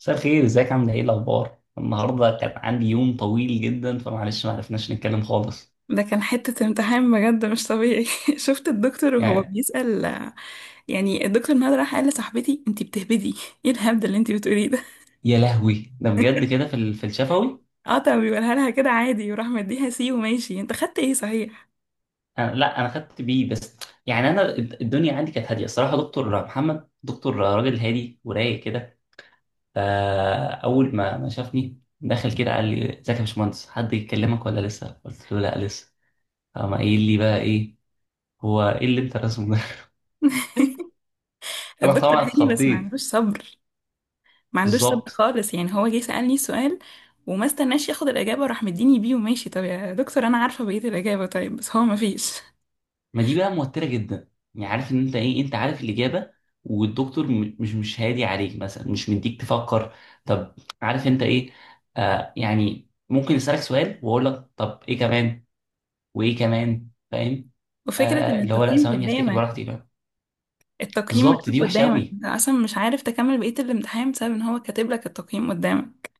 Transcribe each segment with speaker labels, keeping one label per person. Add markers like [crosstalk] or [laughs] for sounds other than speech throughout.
Speaker 1: مساء الخير، ازيك؟ عامله ايه؟ الاخبار النهارده؟ كان عندي يوم طويل جدا فمعلش ما عرفناش نتكلم خالص.
Speaker 2: ده كان حتة امتحان بجد مش طبيعي. [laughs] شفت الدكتور وهو
Speaker 1: يعني
Speaker 2: بيسأل يعني. الدكتور نهاد راح قال لصاحبتي انتي بتهبدي، ايه الهبد اللي انتي بتقوليه ده؟
Speaker 1: يا لهوي ده بجد كده في في الشفوي.
Speaker 2: [laughs] اه طب بيقولها لها كده عادي وراح مديها سي وماشي. انت خدت ايه صحيح؟
Speaker 1: أنا لا، انا خدت بيه بس. يعني انا الدنيا عندي كانت هاديه الصراحه، دكتور محمد دكتور راجل هادي ورايق كده. فاول ما شافني دخل كده قال لي: ازيك يا باشمهندس، حد يكلمك ولا لسه؟ قلت له لا لسه. قام قايل لي بقى: ايه هو ايه اللي انت راسمه ده؟
Speaker 2: [laughs]
Speaker 1: [laughs] انا
Speaker 2: الدكتور
Speaker 1: طبعا
Speaker 2: هادي بس ما
Speaker 1: اتخضيت.
Speaker 2: عندوش صبر ما عندوش صبر
Speaker 1: بالظبط.
Speaker 2: خالص. يعني هو جه سألني سؤال وما استناش ياخد الإجابة وراح مديني بيه وماشي. طب يا دكتور أنا عارفة بقية الإجابة، طيب بس هو ما فيش.
Speaker 1: ما دي بقى موترة جدا. يعني عارف ان انت ايه، انت عارف الإجابة والدكتور مش هادي عليك مثلا، مش مديك تفكر. طب، عارف انت ايه؟ آه يعني ممكن يسألك سؤال واقول لك طب ايه كمان؟ وايه كمان؟ فاهم.
Speaker 2: وفكرة إن
Speaker 1: آه اللي هو لا
Speaker 2: التقييم
Speaker 1: ثواني افتكر
Speaker 2: قدامك،
Speaker 1: براحتي كمان.
Speaker 2: التقييم
Speaker 1: بالظبط،
Speaker 2: مكتوب
Speaker 1: دي وحشة
Speaker 2: قدامك،
Speaker 1: قوي.
Speaker 2: انت اصلا مش عارف تكمل بقية الامتحان بسبب ان هو كاتب لك التقييم قدامك.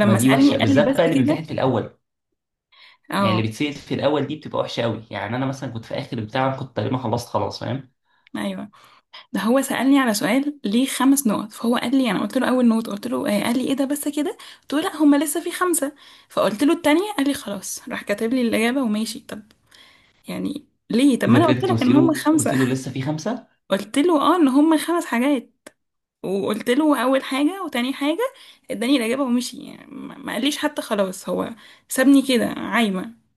Speaker 1: ما دي
Speaker 2: سألني
Speaker 1: وحشة
Speaker 2: قال لي
Speaker 1: بالذات
Speaker 2: بس
Speaker 1: بقى اللي بيمتحن
Speaker 2: كده.
Speaker 1: في الأول. يعني اللي
Speaker 2: اه
Speaker 1: بتسأل في الأول دي بتبقى وحشة قوي. يعني أنا مثلا كنت في آخر بتاع، كنت تقريبا خلصت خلاص، فاهم.
Speaker 2: ايوه، ده هو سألني على سؤال ليه خمس نقط، فهو قال لي، انا قلت له اول نقط، قلت له آه، قال لي ايه ده بس كده؟ قلت له لا هما لسه في خمسة. فقلت له التانية، قال لي خلاص، راح كاتب لي الإجابة وماشي. طب يعني ليه؟ طب ما
Speaker 1: إذا
Speaker 2: انا قلت
Speaker 1: بجد
Speaker 2: لك
Speaker 1: قلت
Speaker 2: ان هما
Speaker 1: له،
Speaker 2: خمسة.
Speaker 1: قلت له لسه
Speaker 2: [laughs]
Speaker 1: في خمسة.
Speaker 2: قلت له اه ان هما خمس حاجات، وقلت له اول حاجه وتاني حاجه، اداني الاجابه ومشي. يعني ما قاليش حتى خلاص هو، سابني كده عايمه.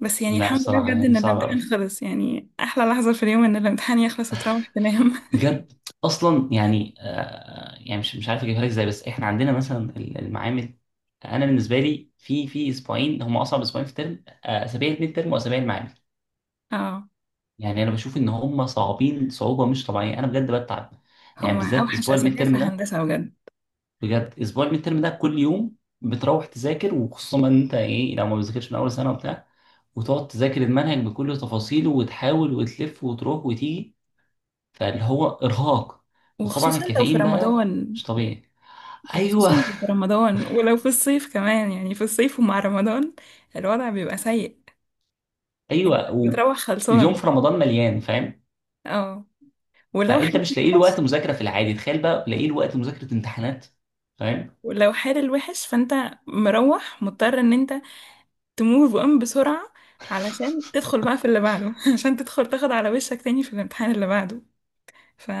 Speaker 2: بس يعني
Speaker 1: لا
Speaker 2: الحمد لله
Speaker 1: الصراحة
Speaker 2: بجد
Speaker 1: يعني
Speaker 2: ان
Speaker 1: صعب قوي،
Speaker 2: الامتحان خلص، يعني احلى لحظه في اليوم ان الامتحان يخلص وتروح تنام. [laughs]
Speaker 1: بجد. اصلا يعني آه يعني مش عارف اجيبها لك ازاي، بس احنا عندنا مثلا المعامل. انا بالنسبه لي في اسبوعين هم اصعب اسبوعين في الترم، اسابيع الميد ترم واسابيع المعامل.
Speaker 2: اه،
Speaker 1: يعني انا بشوف ان هم صعبين صعوبه مش طبيعيه، انا بجد بتعب. يعني
Speaker 2: هما
Speaker 1: بالذات
Speaker 2: اوحش
Speaker 1: اسبوع الميد
Speaker 2: اسابيع في
Speaker 1: ترم ده،
Speaker 2: هندسه بجد.
Speaker 1: بجد اسبوع الميد ترم ده كل يوم بتروح تذاكر، وخصوصا ان انت ايه لو ما بتذاكرش من اول سنه وبتاع، وتقعد تذاكر المنهج بكل تفاصيله وتحاول وتلف وتروح وتيجي، فاللي هو ارهاق. وطبعا
Speaker 2: وخصوصا لو في
Speaker 1: الكافيين بقى
Speaker 2: رمضان.
Speaker 1: مش طبيعي.
Speaker 2: وخصوصا
Speaker 1: ايوه.
Speaker 2: لو في رمضان ولو في الصيف كمان، يعني في الصيف ومع رمضان الوضع بيبقى سيء. انت
Speaker 1: ايوه
Speaker 2: بتروح
Speaker 1: واليوم
Speaker 2: خلصان.
Speaker 1: في رمضان مليان، فاهم.
Speaker 2: اه، ولو
Speaker 1: فانت
Speaker 2: حد
Speaker 1: مش لاقي له
Speaker 2: وحش،
Speaker 1: وقت مذاكره في العادي، تخيل بقى لاقي له وقت مذاكره امتحانات. فاهم.
Speaker 2: ولو حال الوحش، فانت مروح مضطر ان انت تموف اون بسرعة علشان تدخل بقى في اللي بعده. [laughs] عشان تدخل تاخد على وشك تاني في الامتحان اللي بعده،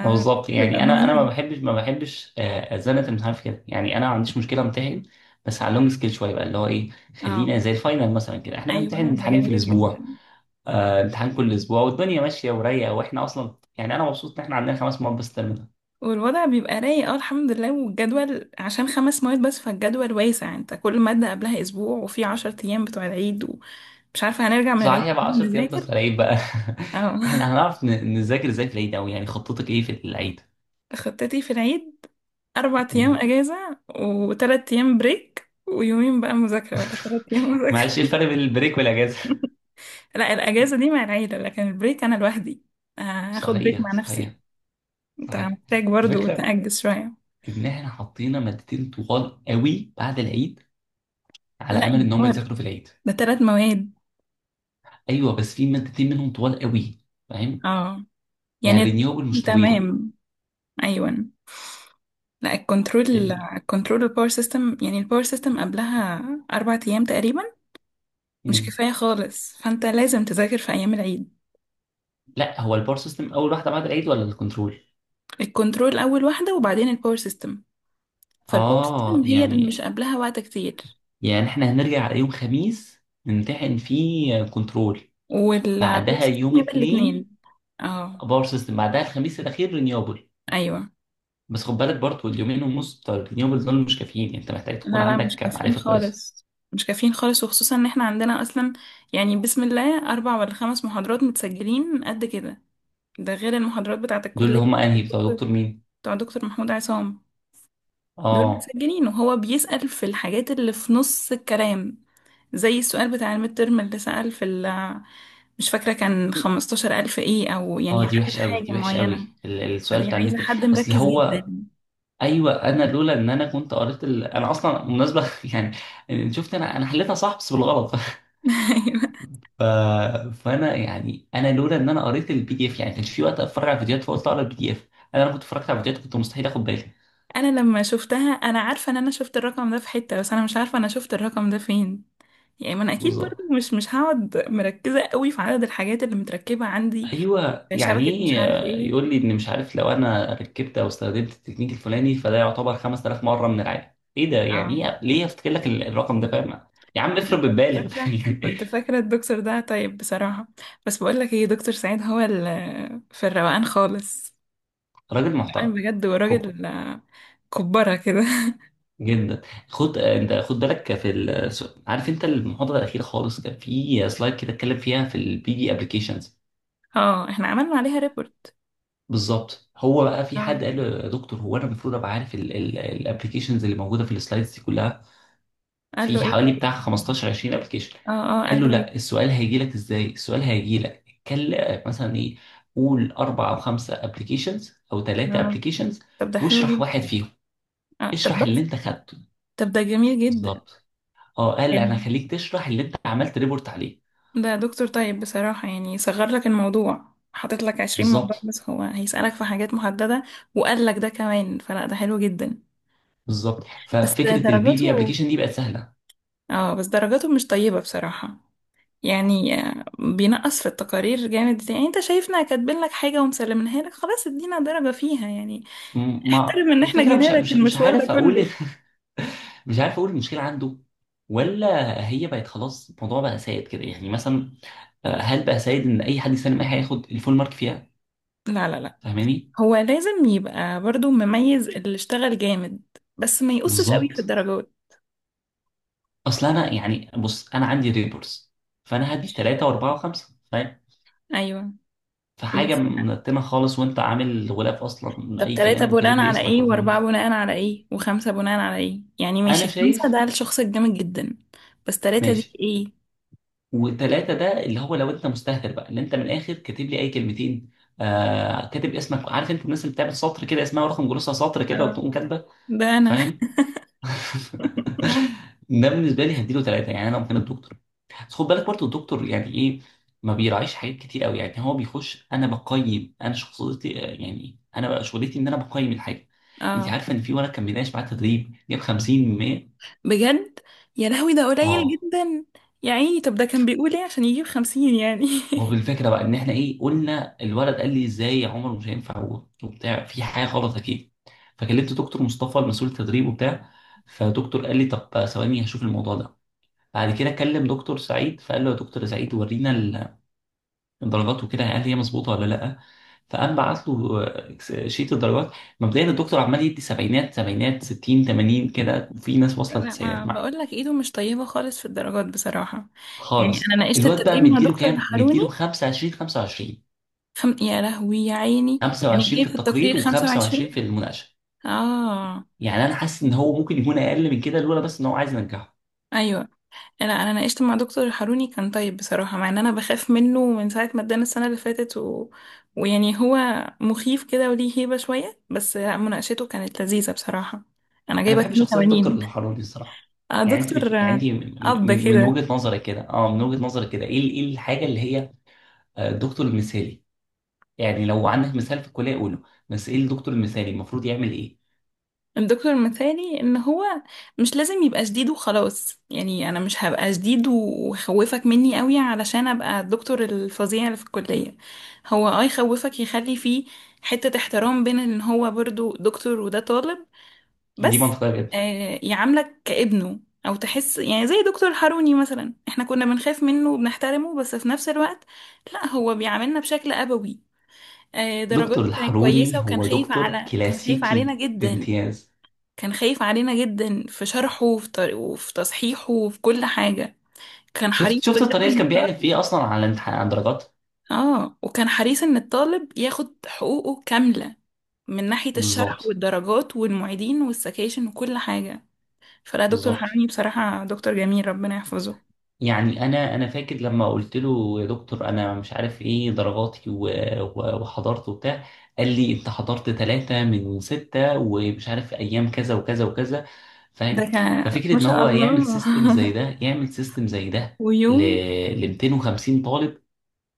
Speaker 1: ما بالظبط. يعني انا ما
Speaker 2: مهم.
Speaker 1: بحبش ما بحبش ازنه الامتحان في كده. يعني انا ما عنديش مشكله امتحن، بس على اللونج سكيل شويه بقى اللي هو ايه، خلينا
Speaker 2: اه
Speaker 1: زي الفاينل مثلا كده، احنا بنمتحن
Speaker 2: ايوه، ده
Speaker 1: امتحانين في
Speaker 2: جميل
Speaker 1: الاسبوع.
Speaker 2: جدا.
Speaker 1: آه امتحان كل اسبوع والدنيا ماشيه ورايقه، واحنا اصلا يعني انا مبسوط ان احنا عندنا خمس مواد بس terminal.
Speaker 2: والوضع بيبقى رايق، اه الحمد لله. والجدول عشان خمس مواد بس، فالجدول واسع، انت كل مادة قبلها اسبوع، وفي عشر ايام بتوع العيد، ومش عارفة هنرجع من العيد
Speaker 1: صحيح بقى
Speaker 2: إزاي
Speaker 1: 10 ايام بس
Speaker 2: نذاكر.
Speaker 1: في العيد بقى. [laughs]
Speaker 2: اه.
Speaker 1: احنا هنعرف نذاكر ازاي في العيد اوي؟ يعني خطتك ايه في العيد؟
Speaker 2: [laughs] خطتي في العيد، أربع أيام
Speaker 1: مم.
Speaker 2: أجازة وتلات أيام بريك ويومين بقى مذاكرة ولا تلات أيام
Speaker 1: معلش ايه
Speaker 2: مذاكرة.
Speaker 1: الفرق بين البريك والاجازه؟
Speaker 2: لا الأجازة دي مع العيلة، لكن البريك أنا لوحدي.
Speaker 1: [laughs]
Speaker 2: هاخد بريك
Speaker 1: صحيح
Speaker 2: مع نفسي.
Speaker 1: صحيح
Speaker 2: أنت
Speaker 1: صحيح.
Speaker 2: محتاج برضو
Speaker 1: الفكره
Speaker 2: تأجز شوية.
Speaker 1: ان احنا حطينا مادتين طوال قوي بعد العيد على
Speaker 2: لا
Speaker 1: امل
Speaker 2: يا
Speaker 1: ان هم
Speaker 2: عمر،
Speaker 1: يذاكروا في العيد.
Speaker 2: ده تلات مواد.
Speaker 1: ايوه بس في مادتين منهم طوال قوي، فاهم.
Speaker 2: اه
Speaker 1: يعني
Speaker 2: يعني،
Speaker 1: الرينيوبل مش طويله.
Speaker 2: تمام، أيوة. لا الكنترول،
Speaker 1: ال...
Speaker 2: الكنترول الباور سيستم، يعني الباور سيستم قبلها أربع أيام تقريبا، مش
Speaker 1: مم.
Speaker 2: كفاية خالص، فأنت لازم تذاكر في أيام العيد.
Speaker 1: لا هو البار سيستم اول واحده بعد العيد ولا الكنترول؟
Speaker 2: الكنترول أول واحدة وبعدين الباور سيستم، فالباور
Speaker 1: اه
Speaker 2: سيستم هي اللي مش
Speaker 1: يعني،
Speaker 2: قبلها وقت كتير.
Speaker 1: يعني احنا هنرجع على يوم خميس نمتحن فيه كنترول،
Speaker 2: والباور
Speaker 1: بعدها
Speaker 2: سيستم
Speaker 1: يوم
Speaker 2: يبقى
Speaker 1: اتنين
Speaker 2: الاتنين. اه
Speaker 1: باور سيستم، بعدها الخميس الاخير رينيوبل.
Speaker 2: أيوة.
Speaker 1: بس خد بالك برضه اليومين ونص بتوع الرينيوبل دول مش كافيين، يعني انت محتاج تكون
Speaker 2: لا لا مش
Speaker 1: عندك
Speaker 2: كافيين
Speaker 1: معرفه كويسه.
Speaker 2: خالص، مش كافيين خالص، وخصوصا ان احنا عندنا اصلا يعني بسم الله اربع ولا خمس محاضرات متسجلين قد كده، ده غير المحاضرات بتاعة
Speaker 1: دول اللي
Speaker 2: الكلية.
Speaker 1: هم انهي بتوع
Speaker 2: الدكتور-
Speaker 1: دكتور مين؟
Speaker 2: بتاع دكتور محمود عصام. دول
Speaker 1: اه.
Speaker 2: متسجلين وهو بيسأل في الحاجات اللي في نص الكلام، زي السؤال بتاع الميد ترم اللي سأل في مش فاكرة كان خمستاشر ألف ايه، او يعني
Speaker 1: اه دي
Speaker 2: عدد
Speaker 1: وحشه قوي،
Speaker 2: حاجة
Speaker 1: دي وحشه
Speaker 2: معينة.
Speaker 1: قوي السؤال
Speaker 2: فدي
Speaker 1: بتاع الميد
Speaker 2: عايزة
Speaker 1: ترم.
Speaker 2: حد
Speaker 1: اصل
Speaker 2: مركز
Speaker 1: هو
Speaker 2: جدا.
Speaker 1: ايوه، انا لولا ان انا كنت قريت انا اصلا مناسبه [laughs] يعني إن شفت انا، انا حليتها صح بس بالغلط. [laughs]
Speaker 2: [laughs]
Speaker 1: ف... فانا يعني انا لولا ان انا قريت البي دي اف، يعني كانش في وقت اتفرج على فيديوهات فقلت اقرا البي دي اف. انا لو كنت اتفرجت على فيديوهات كنت مستحيل اخد بالي.
Speaker 2: انا لما شفتها انا عارفه ان انا شفت الرقم ده في حته، بس انا مش عارفه انا شفت الرقم ده فين. يعني ما انا اكيد
Speaker 1: بالظبط.
Speaker 2: برضو مش هقعد مركزه قوي في عدد الحاجات اللي متركبه عندي،
Speaker 1: ايوه
Speaker 2: في
Speaker 1: يعني
Speaker 2: شبكه مش
Speaker 1: ايه،
Speaker 2: عارف ايه.
Speaker 1: يقول لي ان مش عارف لو انا ركبت او استخدمت التكنيك الفلاني فده يعتبر 5000 مره من العادي. ايه ده يعني
Speaker 2: اه
Speaker 1: ايه ليه افتكر لك الرقم ده، فاهم. يا عم
Speaker 2: انا
Speaker 1: افرض
Speaker 2: كنت
Speaker 1: بتبالغ [laughs]
Speaker 2: فاكره
Speaker 1: يعني.
Speaker 2: كنت فاكره الدكتور ده طيب بصراحه. بس بقول لك ايه، دكتور سعيد هو في الروقان خالص،
Speaker 1: راجل
Speaker 2: الروقان
Speaker 1: محترم.
Speaker 2: بجد،
Speaker 1: خب.
Speaker 2: وراجل كبره كده.
Speaker 1: جدا. خد، انت خد بالك في عارف انت المحاضره الاخيره خالص كان في سلايد كده اتكلم فيها في البي دي ابلكيشنز.
Speaker 2: [laughs] اه احنا عملنا عليها ريبورت.
Speaker 1: بالظبط، هو بقى في
Speaker 2: اه
Speaker 1: حد قال له: يا دكتور هو انا المفروض ابقى عارف الابلكيشنز اللي موجوده في السلايدز دي كلها؟
Speaker 2: قال له
Speaker 1: في
Speaker 2: ايه؟
Speaker 1: حوالي
Speaker 2: طيب.
Speaker 1: بتاع 15 20 ابلكيشن.
Speaker 2: اه اه
Speaker 1: قال
Speaker 2: قال
Speaker 1: له:
Speaker 2: له ايه؟
Speaker 1: لا السؤال هيجي لك ازاي، السؤال هيجي لك اتكلم مثلا ايه، قول اربع او خمسه ابلكيشنز او ثلاثه
Speaker 2: اه
Speaker 1: ابلكيشنز
Speaker 2: طب ده حلو
Speaker 1: واشرح
Speaker 2: جدا.
Speaker 1: واحد فيهم،
Speaker 2: اه طب.
Speaker 1: اشرح اللي انت خدته.
Speaker 2: طب ده جميل جدا
Speaker 1: بالظبط. اه قال انا
Speaker 2: يعني.
Speaker 1: هخليك تشرح اللي انت عملت ريبورت عليه.
Speaker 2: ده دكتور طيب بصراحة، يعني صغر لك الموضوع، حاطط لك عشرين موضوع
Speaker 1: بالظبط.
Speaker 2: بس هو هيسألك في حاجات محددة، وقال لك ده كمان، فلا ده حلو جدا.
Speaker 1: بالظبط
Speaker 2: بس
Speaker 1: ففكره البي في
Speaker 2: درجاته،
Speaker 1: ابلكيشن دي بقت سهله.
Speaker 2: اه بس درجاته مش طيبة بصراحة. يعني بينقص في التقارير جامد. يعني انت شايفنا كاتبين لك حاجة ومسلمينها لك، خلاص ادينا درجة فيها يعني،
Speaker 1: ما
Speaker 2: احترم ان احنا
Speaker 1: الفكره
Speaker 2: جينا
Speaker 1: مش
Speaker 2: لك
Speaker 1: مش مش
Speaker 2: المشوار ده
Speaker 1: عارف اقول. [laughs]
Speaker 2: كله.
Speaker 1: مش عارف اقول المشكله عنده، ولا هي بقت خلاص الموضوع بقى سائد كده. يعني مثلا، هل بقى سيد ان اي حد يسلم اي حاجه ياخد الفول مارك فيها؟
Speaker 2: لا لا لا،
Speaker 1: فاهماني.
Speaker 2: هو لازم يبقى برضو مميز اللي اشتغل جامد، بس ما يقصش قوي في
Speaker 1: بالظبط.
Speaker 2: الدرجات.
Speaker 1: اصل انا يعني بص انا عندي ريبورتس، فانا هدي ثلاثه واربعه وخمسه، فاهم.
Speaker 2: ايوه
Speaker 1: فحاجه
Speaker 2: بس.
Speaker 1: منتنه خالص وانت عامل غلاف اصلا
Speaker 2: طب
Speaker 1: اي
Speaker 2: تلاتة
Speaker 1: كلام وكاتب
Speaker 2: بناء
Speaker 1: لي
Speaker 2: على
Speaker 1: اسمك
Speaker 2: ايه،
Speaker 1: ورقم
Speaker 2: واربعة
Speaker 1: جلوس.
Speaker 2: بناء على ايه، وخمسة بناء على ايه؟ يعني
Speaker 1: انا
Speaker 2: ماشي خمسة
Speaker 1: شايف
Speaker 2: ده الشخص الجامد جدا، بس تلاتة دي
Speaker 1: ماشي.
Speaker 2: ايه؟
Speaker 1: وثلاثه ده اللي هو لو انت مستهتر بقى اللي انت من الاخر كاتب لي اي كلمتين، آه كاتب اسمك، عارف انت الناس اللي بتعمل سطر كده اسمها ورقم جلوسها سطر كده
Speaker 2: اه
Speaker 1: وتقوم كاتبه،
Speaker 2: ده انا.
Speaker 1: فاهم. ده بالنسبه لي هديله ثلاثه. يعني انا ممكن الدكتور، بس خد بالك برضه الدكتور يعني ايه ما بيراعيش حاجات كتير قوي، يعني هو بيخش انا بقيم انا شخصيتي، يعني انا بقى شغلتي ان انا بقيم الحاجه. انت
Speaker 2: اه
Speaker 1: عارفه ان في ولد كان بيناقش معاه تدريب جاب 50 من 100؟
Speaker 2: بجد؟ يا لهوي ده قليل
Speaker 1: اه.
Speaker 2: جدا. يا عيني، طب ده كان بيقول ايه عشان يجيب خمسين يعني؟
Speaker 1: ما هو بالفكره
Speaker 2: [laughs]
Speaker 1: بقى ان احنا ايه قلنا، الولد قال لي ازاي يا عمر مش هينفع، وبتاع في حاجه غلط اكيد، فكلمت دكتور مصطفى المسؤول التدريب وبتاع، فدكتور قال لي طب ثواني هشوف الموضوع ده، بعد كده كلم دكتور سعيد فقال له: يا دكتور سعيد ورينا الدرجات وكده، هل هي مظبوطه ولا لا؟ فقام بعت له شيت الدرجات. مبدئيا الدكتور عمال يدي سبعينات سبعينات 60 80 كده، وفي ناس واصله
Speaker 2: لا ما
Speaker 1: للتسعينات معاه.
Speaker 2: بقول لك ايده مش طيبة خالص في الدرجات بصراحة. يعني
Speaker 1: خالص.
Speaker 2: انا ناقشت
Speaker 1: الواد بقى
Speaker 2: التدريب مع
Speaker 1: مديله
Speaker 2: دكتور
Speaker 1: كام؟
Speaker 2: الحروني.
Speaker 1: مديله 25 25.
Speaker 2: يا لهوي يا عيني. يعني
Speaker 1: 25
Speaker 2: جايب
Speaker 1: في
Speaker 2: في التقرير
Speaker 1: التقرير
Speaker 2: خمسة
Speaker 1: و25
Speaker 2: وعشرين.
Speaker 1: في المناقشه.
Speaker 2: اه
Speaker 1: يعني انا حاسس ان هو ممكن يكون اقل من كده لولا بس ان هو عايز ينجحه.
Speaker 2: ايوه. انا ناقشت مع دكتور حاروني، كان طيب بصراحه، مع ان انا بخاف منه من ساعه ما ادانا السنه اللي فاتت ويعني هو مخيف كده وليه هيبه شويه، بس لا مناقشته كانت لذيذه بصراحه. انا
Speaker 1: انا
Speaker 2: جايبه
Speaker 1: بحب شخصيه دكتور
Speaker 2: 82.
Speaker 1: الحروري الصراحه. يعني انت
Speaker 2: دكتور
Speaker 1: يعني انت من
Speaker 2: اب
Speaker 1: من
Speaker 2: كده.
Speaker 1: وجهه نظرك كده، اه من وجهه نظرك كده ايه ايه الحاجه اللي هي الدكتور المثالي؟ يعني لو عندك مثال في الكليه قوله، بس ايه الدكتور المثالي المفروض يعمل ايه؟
Speaker 2: الدكتور مثالي ان هو مش لازم يبقى شديد وخلاص، يعني انا مش هبقى شديد وخوفك مني قوي علشان ابقى الدكتور الفظيع اللي في الكليه. هو اه يخوفك يخلي فيه حتة احترام بين ان هو برضو دكتور وده طالب
Speaker 1: دي
Speaker 2: بس.
Speaker 1: منطقيه جدا.
Speaker 2: يعاملك كابنه، او تحس يعني زي دكتور حروني مثلا، احنا كنا بنخاف منه وبنحترمه بس في نفس الوقت لا هو بيعاملنا بشكل ابوي.
Speaker 1: دكتور
Speaker 2: درجاته كانت كويسة،
Speaker 1: الحروري
Speaker 2: وكان
Speaker 1: هو
Speaker 2: خايف
Speaker 1: دكتور
Speaker 2: على كان خايف علينا
Speaker 1: كلاسيكي
Speaker 2: جدا
Speaker 1: بامتياز.
Speaker 2: كان خايف علينا جدا في شرحه وفي تصحيحه وفي كل حاجة. كان حريص
Speaker 1: شفت
Speaker 2: بجد
Speaker 1: الطريقه اللي
Speaker 2: ان
Speaker 1: كان بيعلن
Speaker 2: الطالب،
Speaker 1: فيها اصلا على الامتحان على الدرجات؟
Speaker 2: اه وكان حريص ان الطالب ياخد حقوقه كاملة من ناحية الشرح
Speaker 1: بالظبط.
Speaker 2: والدرجات والمعيدين والسكاشن وكل حاجة. فلا دكتور
Speaker 1: بالظبط.
Speaker 2: حنوني بصراحة دكتور جميل ربنا يحفظه.
Speaker 1: يعني انا فاكر لما قلت له: يا دكتور انا مش عارف ايه درجاتي وحضرت وبتاع. قال لي: انت حضرت ثلاثة من ستة ومش عارف ايام كذا وكذا وكذا.
Speaker 2: ده
Speaker 1: فاهم.
Speaker 2: كان ما
Speaker 1: ففكرة ان
Speaker 2: شاء
Speaker 1: هو يعمل
Speaker 2: الله.
Speaker 1: سيستم زي ده، يعمل سيستم زي ده
Speaker 2: [laughs]
Speaker 1: ل
Speaker 2: ويوم
Speaker 1: ل 250 طالب،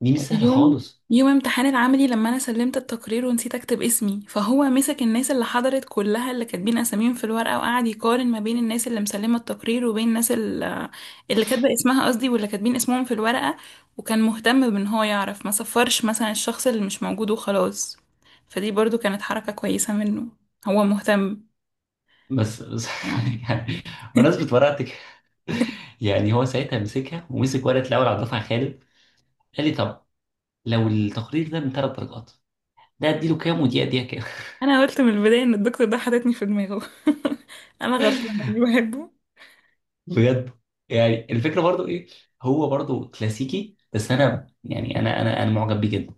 Speaker 1: دي مش سهلة
Speaker 2: ويوم
Speaker 1: خالص.
Speaker 2: يوم امتحان العملي، لما انا سلمت التقرير ونسيت اكتب اسمي، فهو مسك الناس اللي حضرت كلها اللي كاتبين اساميهم في الورقة، وقعد يقارن ما بين الناس اللي مسلمة التقرير وبين اللي كاتبة اسمها، قصدي واللي كاتبين اسمهم في الورقة، وكان مهتم بان هو يعرف ما صفرش مثلا الشخص اللي مش موجود وخلاص. فدي برضو كانت حركة كويسة منه، هو مهتم.
Speaker 1: بس.
Speaker 2: آه.
Speaker 1: [laughs] يعني بمناسبة ورقتك كده، يعني هو ساعتها مسكها ومسك ورقة الاول على الدفعة خالد، قال لي: طب لو التقرير ده من ثلاث درجات، ده اديله كام ودي اديها كام؟
Speaker 2: انا قلت من البدايه ان الدكتور ده حاططني في دماغه. [laughs] انا غلطانه اني بحبه.
Speaker 1: بجد. يعني الفكره برضو ايه، هو برضو كلاسيكي بس انا يعني انا معجب بيه جدا.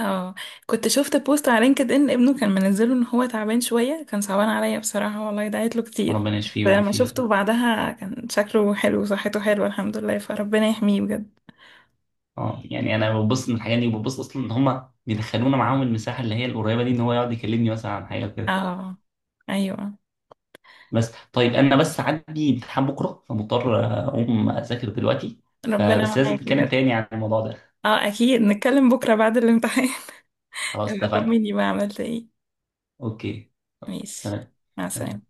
Speaker 2: اه كنت شفت بوست على لينكد ان ابنه كان منزله ان هو تعبان شويه، كان صعبان عليا بصراحه والله، دعيت له كتير،
Speaker 1: ربنا يشفيه
Speaker 2: بس لما
Speaker 1: ويعافيه يا رب.
Speaker 2: شفته بعدها كان شكله حلو وصحته حلوه الحمد لله، فربنا يحميه بجد.
Speaker 1: اه يعني انا ببص من الحاجات دي، وببص اصلا ان هم بيدخلونا معاهم المساحه اللي هي القريبه دي، ان هو يقعد يكلمني مثلا عن حاجه كده.
Speaker 2: اه ايوه،
Speaker 1: بس طيب انا بس عندي امتحان بكره، فمضطر اقوم اذاكر دلوقتي،
Speaker 2: ربنا
Speaker 1: فبس لازم
Speaker 2: معاك
Speaker 1: نتكلم
Speaker 2: بجد.
Speaker 1: تاني عن الموضوع ده.
Speaker 2: اه اكيد نتكلم بكره بعد الامتحان. [laughs]
Speaker 1: خلاص
Speaker 2: ابقى
Speaker 1: اتفقنا.
Speaker 2: طمني بقى عملت ايه.
Speaker 1: اوكي.
Speaker 2: ماشي،
Speaker 1: تمام.
Speaker 2: مع السلامه.
Speaker 1: تمام.